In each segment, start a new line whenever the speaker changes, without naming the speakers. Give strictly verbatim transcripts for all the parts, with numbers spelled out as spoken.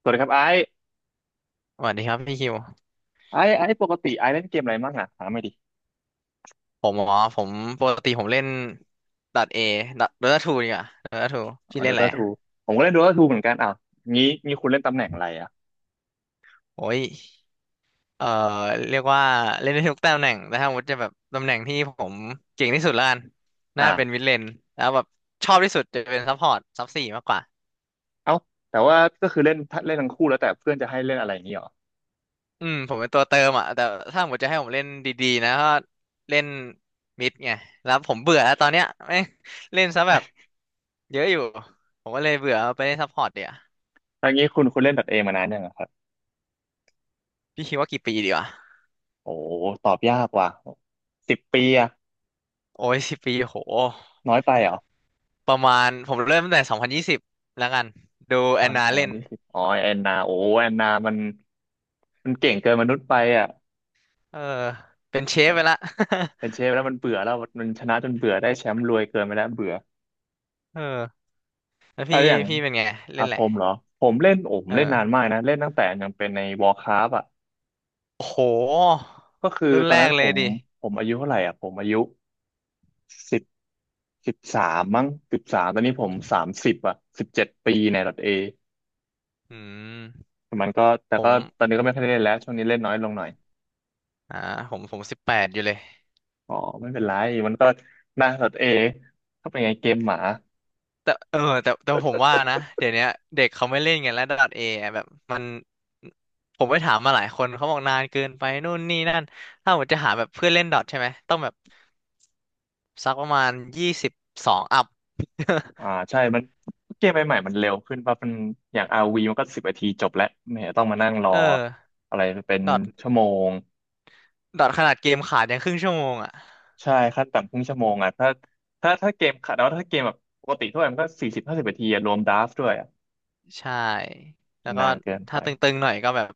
สวัสดีครับไอ้
สวัสดีครับพี่คิว
ไอ้ไอ้ปกติไอ้เล่นเกมอะไรบ้างอ่ะถามไม่อยดิ
ผมอ๋อผมปกติผมเล่นดัดเอดัดโดต้าทูดีกว่าโดต้าทูพี่เล่
โด
นอะไร
ตา
อะ
ทูผมก็เล่นโดตาทูเหมือนกันอ้าวงี้งี้คุณเล่นตำแหน่งอะไรอ่ะ
โอ้ยเอ่อเรียกว่าเล่นได้ทุกตำแหน่งแต่ถ้าสมมติจะแบบตำแหน่งที่ผมเก่งที่สุดละกันน่าเป็น
อ่า
มิดเลนแล้วแบบชอบที่สุดจะเป็นซัพพอร์ตซับสี่มากกว่า
เอ้าแต่ว่าก็คือเล่นถ้าเล่นทั้งคู่แล้วแต่เพื่อนจะให้เล่นอะไรอย่างงี้เหรอ
อืมผมเป็นตัวเติมอ่ะแต่ถ้าสมมติจะให้ผมเล่นดีๆนะก็เล่นมิดไงแล้วผมเบื่อแล้วตอนเนี้ยแม่งเล่นซะแบบเยอะอยู่ผมก็เลยเบื่อไปเล่นซัพพอร์ตเดี๋ยวา
ถ้างี้คุณคุณเล่นดอทเอมานานยังอะครับ
พี่คิดว่ากี่ปีดีวะ
โอ้ตอบยากว่ะสิบปีอะ
โอ้ยสิบปีโห
น้อยไปเหรอ
ประมาณผมเริ่มตั้งแต่สองพันยี่สิบแล้วกันดู
ต
แอ
อ
น
น
นา
ตอนวั
เล่
น
น
ที่สิบอ๋อแอนนาโอ้แอนนามันมันเก่งเกินมนุษย์ไปอ่ะ
เออเป็นเชฟไปละ
เป็นเชฟแล้วมันเบื่อแล้วมันชนะจนเบื่อได้แชมป์รวยเกินไปแล้วเบื่อ
เออแล้ว
อะ
พี่
ไรอย่าง
พี่เป็นไงเล่
อ่ะ
นแห
ผ
ละ
มเหร
ไร
อผมเล่นโอ้ผ
เอ
มเล่นนาน
อ
มากนะเล่นตั้งแต่ยังเป็นใน Warcraft อ่ะ
โอ้โห
ก็คือ
รุ่น
ตอ
แร
นนั้
ก
นผ
เลย
ม
ดิ
ผมอายุเท่าไหร่อ่ะผมอายุสิบสิบสามมั้งสิบสามตอนนี้ผมสามสิบอ่ะสิบเจ็ดปีในดเอ
อืม
มันก็แต่
ผ
ก็
ม
ตอนนี้ก็ไม่ค่อยได้เล่นแล้วช่วงนี้เล่นน้อยลงหน่อย
อ่าผมผมสิบแปดอยู่เลย
อ๋อไม่เป็นไรมันก็นะดอทเอก็เป็นไงเกมหมา
แต่เออแต่แต่ผมว่านะเดี๋ยวเนี้ยเด็กเขาไม่เล่นกันแล้วดอทเอแบบมันผมไปถามมาหลายคนเขาบอกนานเกินไปนู่นนี่นั่นถ้าผมจะหาแบบเพื่อนเล่นดอทใช่ไหมต้องแบบสักประมาณยี่สิบสองอัพ
อ่าใช่มันเกมใหม่ๆมันเร็วขึ้นว่าะมันอย่าง r ีมันก็สิบนาทีจบแล้วไม่เห็นต้องมานั่งรอ
เออ
อะไรเป็น
ดอท
ชั่วโมง
ดอทขนาดเกมขาดยังครึ่งชั่วโมงอ่ะ
ใช่ขั้นต่ำครึ่งชั่วโมงอ่ะถ้าถ้าถ้าเกมขัดแล้วถ้าเกมแบบปกติทั่วไปมันก็สี่สิบห้าสิบนาทีอะรวมดราฟต์ด้วยอ่ะ
ใช่แล้วก็
นานเกินไป
ถ้าตึงๆหน่อยก็แบบ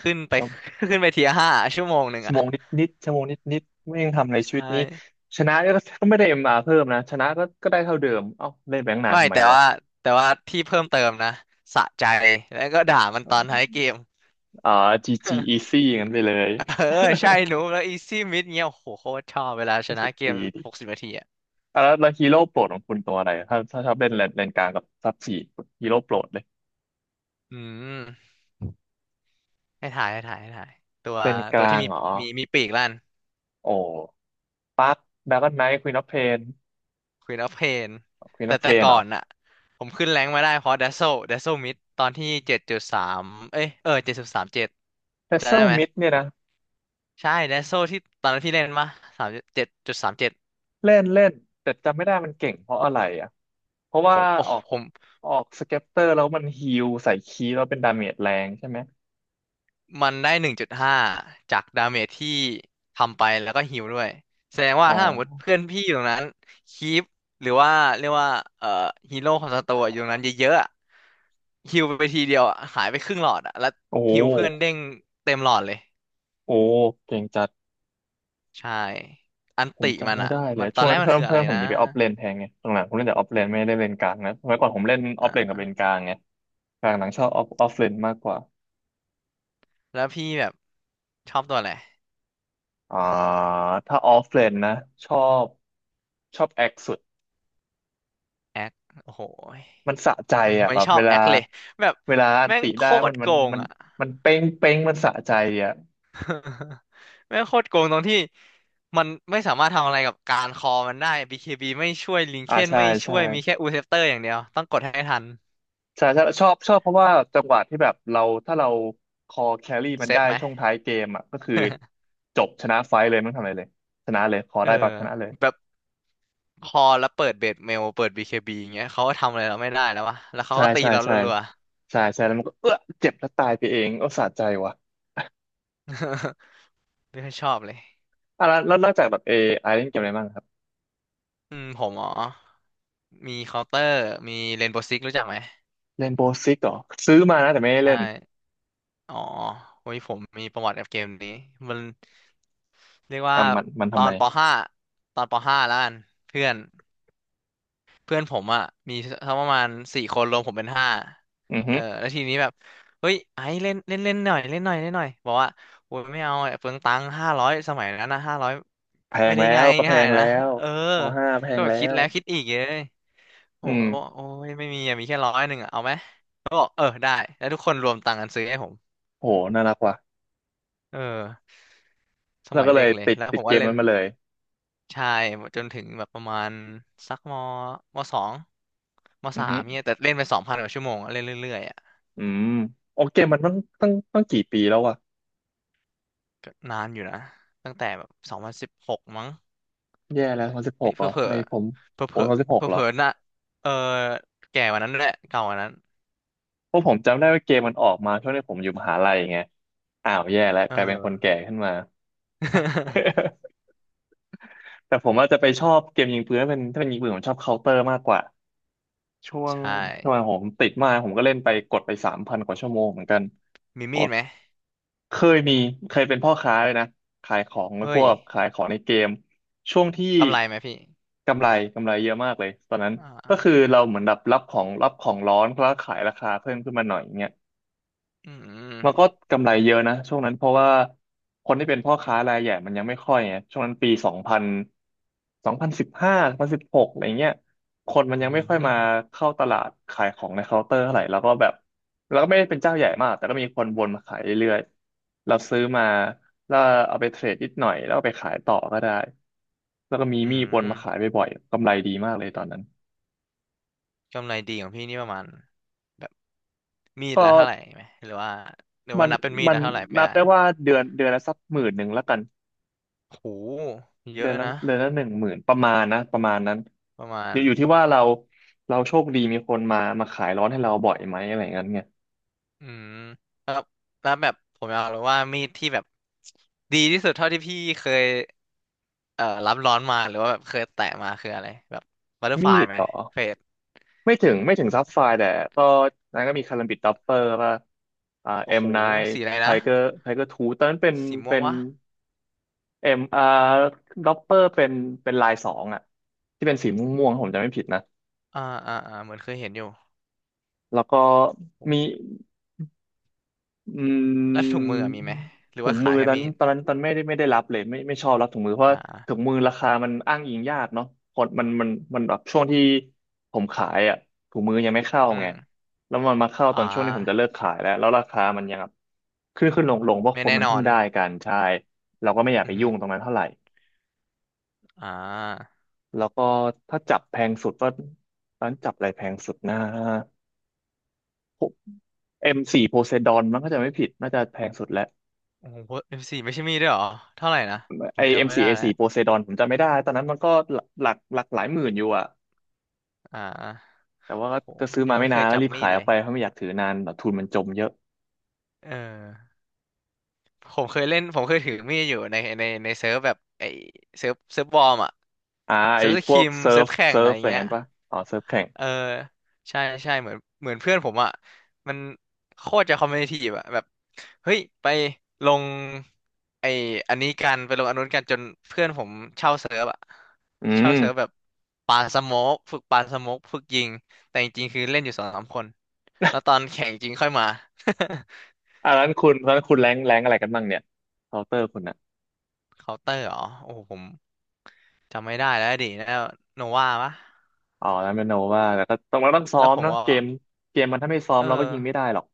ขึ้นไป
ชั่ว
ขึ้นไปเทียห้าชั่วโมงหนึ่ง
ชั่ว
อ่ะ
โมงนิดนิดชั่วโมงนิดนิดไม่ยังทำอะไรชี
ใช่
วิตนี้ชนะก็ก็ไม่ได้เอ็มอาร์เพิ่มนะชนะก็ก็ได้เท่าเดิมเอ้าเล่นแบงค์นาน
ไม่
ทำไม
แต่
วะ
ว่าแต่ว่าที่เพิ่มเติมนะสะใจแล้วก็ด่ามันตอนท้ายเกม
อ่าจีจี อีซี่อย่างนั้นไปเลย
เออใช่หนูแล้วอีซี่มิดเงี้ยโอ้โหโคตรชอบเวลา ช
รู้
นะ
สึก
เกม
ดี
หก
ดี
สิบนาทีอ่ะ
อ่ะแล้วแล้วฮีโร่โปรดของคุณตัวอะไรถ้าถ้าชอบเล่นเลนเลนกลางกับซับสี่ฮีโร่โปรดเลย
อืมให้ถ่ายให้ถ่ายให้ถ่ายตัว
เลนก
ตัว
ลา
ที่
ง
มี
เหรอ
มีมีปีกลั่น
โอ้ปักดราก้อนไนท์ควีนออฟเพน
Queen of Pain
ควีนอ
แต่
อฟเพ
แต่
นเหร
ก่อ
อ
นอะผมขึ้นแรงค์มาได้เพราะ Dazzle Dazzle Mid ตอนที่เจ็ดจุดสามเอ้ยเออเจ็ดจุดสามเจ็ด
เพซเซ
จำได้
ล
ไหม
มิดเนี่ยนะ
ใช่ Dazzle ที่ตอนนั้นพี่เล่นมาสามเจ็ดจุดสามเจ็ด
เล่นเล่นแต่จำไม่ได้มันเก่งเพราะอะไรอ่ะเพราะ
ผ
ว่า
มโอ้
ออก
ผม
ออกสเก็ปเตอร์แล้วมันฮีลใส่คีย์แล้วเป็นดาเมจแรงใช่ไหม
มันได้หนึ่งจุดห้าจากดาเมจที่ทำไปแล้วก็ฮีลด้วยแสดงว่า
อ๋อ
ถ้าสมมติเพื่อนพี่อยู่ตรงนั้นคีปหรือว่าเรียกว่าเอ่อฮีโร่ของสตัวอะอยู่ตรงนั้นเยอะๆอะฮีลไปทีเดียวอะหายไปครึ่งหลอดอะแล้ว
โอ้โห
ฮีลเพื่อนเด้งเต็มหลอดเลย
โอ้โหเก่งจัด
ใช่อัน
ผม
ติมั
จำ
น
ไม่
อะ
ได้เลย
มันตอ
ช่ว
น
ง
แร
นั้
ก
น
มัน
เพื่อน
คืออะ
เพื่อ
ไร
นผม
นะ
หนีไปออฟเลนแทนไงตรงหลังผมเล่นแต่ออฟเลนไม่ได้เล่นกลางนะสมัยก่อนผมเล่นออฟเลนกับ
อ่า
เลนกลางไงกลางหลังชอบออฟออฟเลนมากกว่า
แล้วพี่แบบชอบตัวอะไร
อ่าถ้าออฟเลนนะชอบชอบแอคสุด
แอคโอ้โหย
มันสะใจอ่ะ
ไม่
แบบ
ชอ
เว
บแอ
ลา
คเลยแบบ
เวลาอัน
แม่ง
ติ
โค
ได้มั
ตร
น
โก
มัน
ง
มัน
อะ
มันเป้งเป้งมันสะใจอ่ะ
แม่งโคตรโกงตรงที่มันไม่สามารถทำอะไรกับการคอมันได้ บี เค บี ไม่ช่วยลิงเค
อ่า
น
ใช่
ไม่ช่
ใช่
วยมีแค่อูเซปเตอร์อย่างเดียวต้องกดให้ทัน
ใช่ใช่ชอบชอบเพราะว่าจังหวะที่แบบเราถ้าเราคอแครี่มั
เซ
นได้
ฟไหม
ช่วงท้ายเกมอ่ะก็คือจบชนะไฟท์เลยไม่ต้องทำอะไรเลยชนะเลยคอ
เออ
ได้ปั๊บชนะเลย
แบบคอแล้วเปิดเบสเมลเปิด บี เค บี อย่างเงี้ยเขาก็ทำอะไรเราไม่ได้แล้ววะแล้วเขา
ใช่
ก็ตี
ใช่
เรา
ใช่
รัว
ใช่ใช่แล้วมันก็เออเจ็บแล้วตายไปเองโอ้สะใจว่ะ
ๆ ไม่ค่อยชอบเลย
อ่ะแล้วแล้วนอกจากแบบเอไอเล่นเกมอะไรบ้างครับ
อืมผมอ๋อมีเคาน์เตอร์มีเรนโบว์ซิกรู้จักไหม
เล่นโบสิกเหรอซื้อมานะแต่ไม่ได้
ใช่
เล่น
อ๋อโอ้ยผมมีประวัติกับเกมนี้มันเรียกว่า
อ่ะมันมัน
ต
ทำ
อ
ไม
นป .ห้า ตอนป .ห้า แล้วกันเพื่อนเพื่อนผมอ่ะมีทั้งประมาณสี่คนรวมผมเป็นห้า
อือฮึ
เออแล้วทีนี้แบบเฮ้ยไอ้เล่นเล่นเล่นหน่อยเล่นหน่อยเล่นหน่อยบอกว่าโอ้ยไม่เอาอะเปลืองตังค์ห้าร้อยสมัยนั้นนะห้าร้อย
แพ
ไม่
ง
ได้
แล้
ง่า
ว
ย
ก็แพ
ง่าย
งแล้
นะ
ว
เออ
ปห้าแพ
ก็
ง
แบบ
แล้
คิด
ว
แล้วคิดอีกเลยโอ้
อื
โห
ม
โอ้ยไม่มีอะมีแค่ร้อยหนึ่งอ่ะเอาไหมก็บอกเออได้แล้วทุกคนรวมตังค์กันซื้อให้ผม
โหน่ารักว่ะ
เออ ส
แล้ว
มัย
ก็เล
เด็
ย
กเลย
ติด
แล้ว
ติ
ผ
ด
ม
เก
ก็
ม
เล่
นั้
น
นมาเลย
ใช่จนถึงแบบประมาณสักมมสองม
อือ
สา
ฮึ
มเนี่ยแต่เล่นไปสองพันกว่าชั่วโมงอะเล่นเรื่อยๆอ่ะ
อืมโอเกมมันต้องต้องต้องกี่ปีแล้ววะ
ก็นานอยู่นะตั้งแต่แบบสองพันสิบหกมั้ง
แย่แล้วสองสิบห
เฮ้ย
ก
เผ
เห
ล
ร
อ
อ
เผลอ
ไม่ผม
เผลอ
โอ้
เผล
สองสิบหก
อๆ
เหร
เผ
อ
ลอๆน่ะเออแก่กว่านั้นแหละเก่ากว่านั้น
เพราะผมจำได้ว่าเกมมันออกมาช่วงที่ผมอยู่มหาลัยไงอ้าวแย่แล้ว
เ
กลายเป็นคน
ออ
แก่ขึ้นมา แต่ผมอาจจะไปชอบเกมยิงปืนถ้าเป็นถ้าเป็นยิงปืนผมชอบเคาน์เตอร์มากกว่า ช่วง
ใช่
ช่วงผมติดมากผมก็เล่นไปกดไปสามพันกว่าชั่วโมงเหมือนกัน
มี
ผ
มีด
ม
ไหม
เคยมีเคยเป็นพ่อค้าเลยนะขายของพ
เฮ้ย
วกขายของในเกมช่วงที่
กำไรไหมพี่
กำไรกำไรเยอะมากเลยตอนนั้น
อ่
ก็คือ
า
เราเหมือนแบบรับของรับของร้อนแล้วขายราคาเพิ่มขึ้นมาหน่อยเงี้ย
อื
มันก็
ม
กำไรเยอะนะช่วงนั้นเพราะว่าคนที่เป็นพ่อค้ารายใหญ่มันยังไม่ค่อยไงช่วงนั้นปีสองพันสองพันสิบห้าสองพันสิบหกอะไรเงี้ยคนมันยั
อื
งไม่ค่อยมา
ม
เข้าตลาดขายของในเคาน์เตอร์เท่าไหร่แล้วก็แบบแล้วก็ไม่ได้เป็นเจ้าใหญ่มากแต่ก็มีคนวนมาขายเรื่อยๆเราซื้อมาแล้วเอาไปเทรดนิดหน่อยแล้วเอาไปขายต่อก็ได้แล้วก็มี
อื
มีดวน
ม
มาขายบ่อยๆกำไรดีมากเลยตอนนั้น
กำไรดีของพี่นี่ประมาณแบบ มีด
ก็
ละเท่าไหร่ไหมหรือว่าหรือ
มั
ว่า
น
นับเป็นมีด
มัน
ละเท่าไหร่ไม่
นับ
ได้
ได้ว่าเดือนเดือนละสักหมื่นหนึ่งละกัน
โหเย
เดื
อะ
อนละ
นะ
เดือนละหนึ่งหมื่นประมาณนะประมาณนั้น
ประมาณ
เดี๋ยวอยู่ที่ว่าเราเราโชคดีมีคนมามาขายร้อนให้เราบ่อยไหมอะไรอเงี้ยไง
อืมแล้วแล้วแบบผมอยากรู้ว่ามีดที่แบบดีที่สุดเท่าที่พี่เคยเอ่อรับร้อนมาหรือว่าแบบเคยแตะมาคืออะไรแบบบัตเตอร์ฟ
มี
ลาย
ด
ไหม
ต่อ
เฟด
ไม่ถึงไม่ถึงซับไฟร์แต่ก็นั้นก็มีคาลัมบิดดัปเปอร์ป่ะอ่า
โอ้
เอ็ม
โห
ไน
สีอะไร
ไท
นะ
เกอร์ไทเกอร์ทูตอนนั้นเป็น
สีม่ว
เป็
ง
น
วะ
เอ็มอาร์ดัปเปอร์เป็นเป็นลายสองอ่ะที่เป็นสีม่วงๆผมจำไม่ผิดนะ
อ่าอ่าอ่าเหมือนเคยเห็นอยู่
แล้วก็
โห
มี อื
แล้วถุงมือ
ม
อะมีไหมหรือ
ถุ
ว่า
ง
ขา
มื
ย
อ
แค่
ตอน
มีด
ตอนนั้นตอนไม่ได้ไม่ได้รับเลยไม่ไม่ชอบรับถุงมือเพราะ
อ่
ว่าถุง
า
มือราคามันอ้างอิงยากเนาะคนมันมันมันแบบช่วงที่ผมขายอ่ะถุงมือยังไม่เข้า
อื
ไง
ม
แล้วมันมาเข้า
อ่
ตอนช่วงที่ผมจะ
า
เลิกขายแล้วแล้วราคามันยังแบบขึ้นขึ้นลงลงเพราะ
ไม่
คน
แน่
มัน
นอ
เพิ่ง
น
ได้กันใช่เราก็ไม่อยาก
อื
ไป
อฮึ
ยุ่งตรงนั้นเท่าไหร่
อ่า
แล้วก็ถ้าจับแพงสุดก็ตอนนจับอะไรแพงสุดนะ เอ็มโฟร์ p o s e ซด o นมันก็จะไม่ผิดน่าจะแพงสุดแล้ว
โอ้โหเอฟซีไม่ใช่มีดด้วยเหรอ เท่าไหร่นะผ
ไอ
ม
เอ็
จำ
ม
ไม่
สี่
ได้
เอ
แล้ว
สี่โปเซดอนผมจำไม่ได้ตอนนั้นมันก็หลักหลักหลายหมื่นอยู่อะ
อ่า
แต่ว่า
โห
ก็ซื้อ
ยั
มา
ง
ไม่
ไม่เค
นาน
ย
แล้ว
จับ
รีบ
มี
ขา
ด
ยอ
เล
อก
ย
ไปเพราะไม่อยากถือนานแบบทุนมันจมเยอะ
เออผมเคยเล่น ผมเคยถือมีดอยู่ในในในเซิร์ฟแบบไอเซิร์ฟเซิร์ฟบอ์มอะ
อ่าไอ
เซิร์ฟส
พว
คิ
ก
ม
เซิ
เซิ
ร์
ร์ฟ
ฟ
แข่ง
เซิ
อะ
ร์ฟ
ไร
อะไร
เงี้ย
งั้นปะอ๋อเซิร์ฟแข่ง
เออใช่ใช่เหมือนเหมือนเพื่อนผมอ่ะมันโคตรจะคอมเมดี้อ่ะแบบเฮ้ยไปลงไออันนี้กันไปลงอันนู้นกันจนเพื่อนผมเช่าเซิร์ฟอ่ะ
อื
เช่าเซิร์ฟแบ
ม
บปาสโมกฝึกปาสโมกฝึกยิงแต่จริงๆคือเล่นอยู่สองสามคนแล้วตอนแข่งจริงค่อยมา
อ่านั้นคุณตั้นคุณแรงแรงอะไรกันบ้างเนี่ยเคาน์เตอร์คุณอะ
เคาน์เตอร์เหรอโอ้โหผมจำไม่ได้แล้วดิแล้วโนวาปะ
อ๋อแล้วเป็นโนว่าแต่ก็ต้องเราต้องซ้อ
แล้ว
ม
ผม
เนาะ
ก็
เกมเกมมันถ้าไม่ซ้อม
เออ
เราก็ยิงไม่ได้หรอก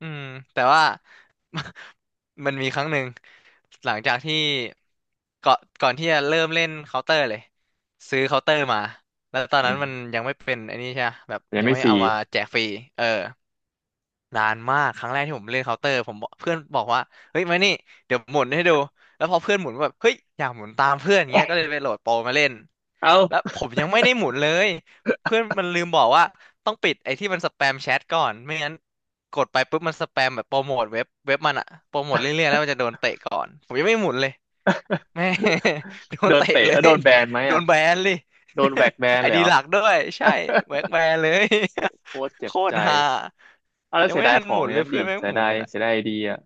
อืมแต่ว่า มันมีครั้งหนึ่งหลังจากที่ก่อนก่อนที่จะเริ่มเล่นเคาน์เตอร์เลยซื้อเคาน์เตอร์มาแล้วตอน
อื
นั้น
ม
มันยังไม่เป็นไอ้นี่ใช่ปะแบบ
ยัง
ยัง
ไม่
ไม่
ฟรี
เอามาแจกฟรีเออ นานมากครั้งแรกที่ผมเล่นเคาน์เตอร์ผมบอกเพื่อนบอกว่าเฮ้ยมานี่เดี๋ยวหมุนให้ดูแล้วพอเพื่อนหมุนก็แบบเฮ้ยอยากหมุนตามเพื่อนอย่างเงี้ยก็เลยไปโหลดโปรมาเล่น
เอ้า
แล้วผมยังไม่ได้หมุนเลยเพื่อนมันลืมบอกว่าต้องปิดไอ้ที่มันสแปมแชทก่อนไม่งั้นกดไปปุ๊บมันสแปมแบบโปรโมทเว็บเว็บมันอะโปรโมทเรื่อยๆแล้วมันจะโดนเตะก่อนผมยังไม่หมุนเลยแม่ โด น
โดน
เตะ
เตะ
เล
เอ้าโด
ย
นแบนไหม
โด
อะ
นแบนเลย
โดนแบกแบ น
ไอ
เลย
ดี
เหร
ห
อ
ลักด้วยใช่แบล็คแบนเลย
โคตรเจ็
โค
บ
ต
ใจ
รฮา
เอาแล้ว
ยัง
เสีย
ไม่
ดาย
ทัน
ขอ
ห
ง
มุ
อ
น
ย่าง
เล
นั้
ย
นดิ
เพื่อนแม่ง
เสีย
หมุ
ดา
น
ย
ไปละ
เสียดายไอเดียอะ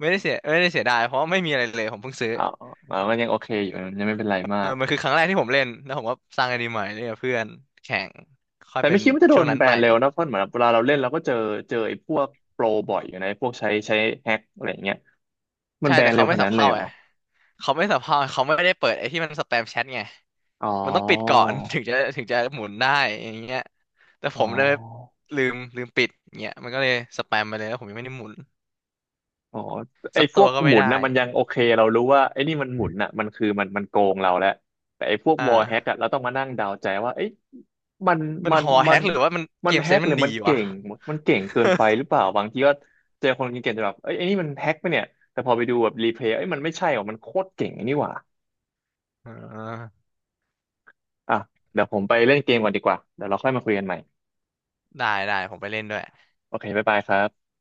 ไม่ได้เสียไม่ได้เสียดายเพราะว่าไม่มีอะไรเลยผมเพิ่งซื้อ
เอาเอามันยังโอเคอยู่มันยังไม่เป็นไรมา
เออ
ก
มันคือครั้งแรกที่ผมเล่นแล้วผมก็สร้างไอดีใหม่เล่นกับเพื่อนแข่งค่อย
แต่
เป็
ไม่
น
คิดว่าจะโด
ช่วง
น
นั้น
แบ
ไป
นเร็วนะเพราะเหมือนเวลาเราเล่นเราก็เจอเจอไอ้พวกโปรบ่อยอยู่นะไอ้พวกใช้ใช้แฮ็กอะไรอย่างเงี้ยมัน
ใช่
แบ
แต่
นเร็
เขา
ว
ไม่
ขนาด
สับ
นั้นเล
เพ่า
ยเหรอ
ไงเขาไม่สับเพ่าเขาไม่ได้เปิดไอ้ที่มันสแปมแชทไง
อ๋อ
มันต้องปิดก่อน ถึงจะถึงจะหมุนได้อย่างเงี้ยแต่
อ๋
ผ
อ
มเลยลืมลืมปิดเงี้ยมันก็เลยสแปมไปเลยแล้วผมยังไม่ได้หมุน
อ๋อไอ้
สัก
พ
ตั
ว
ว
ก
ก็
ห
ไม่
มุน
ได้
นะมันยังโอเคเรารู้ว่าไอ้นี่มันหมุนน่ะมันคือมันมันโกงเราแล้วแต่ไอ้พวก
อ่
วอลแฮกอะ
า
เราต้องมานั่งเดาใจว่าเอ้ยมัน
มัน
มัน
หอแฮ
มัน
กหรือว่ามัน
มั
เก
น
ม
แฮ
เซน
ก
ส์
ห
มัน
รือ
ดี
มันเก่
วะ
งมันเก่งเกินไปห รือเปล่าบางทีก็เจอคนเก่งๆจะแบบเอ้ยไอ้นี่มันแฮกปะเนี่ยแต่พอไปดูแบบรีเพลย์เอ้ยมันไม่ใช่หรอมันโคตรเก่งไอ้นี่หว่า
อ่า
อ่ะเดี๋ยวผมไปเล่นเกมก่อนดีกว่าเดี๋ยวเราค่อยมาคุยกันใหม่
ได้ได้ผมไปเล่นด้วย
โอเคบ๊ายบายครับ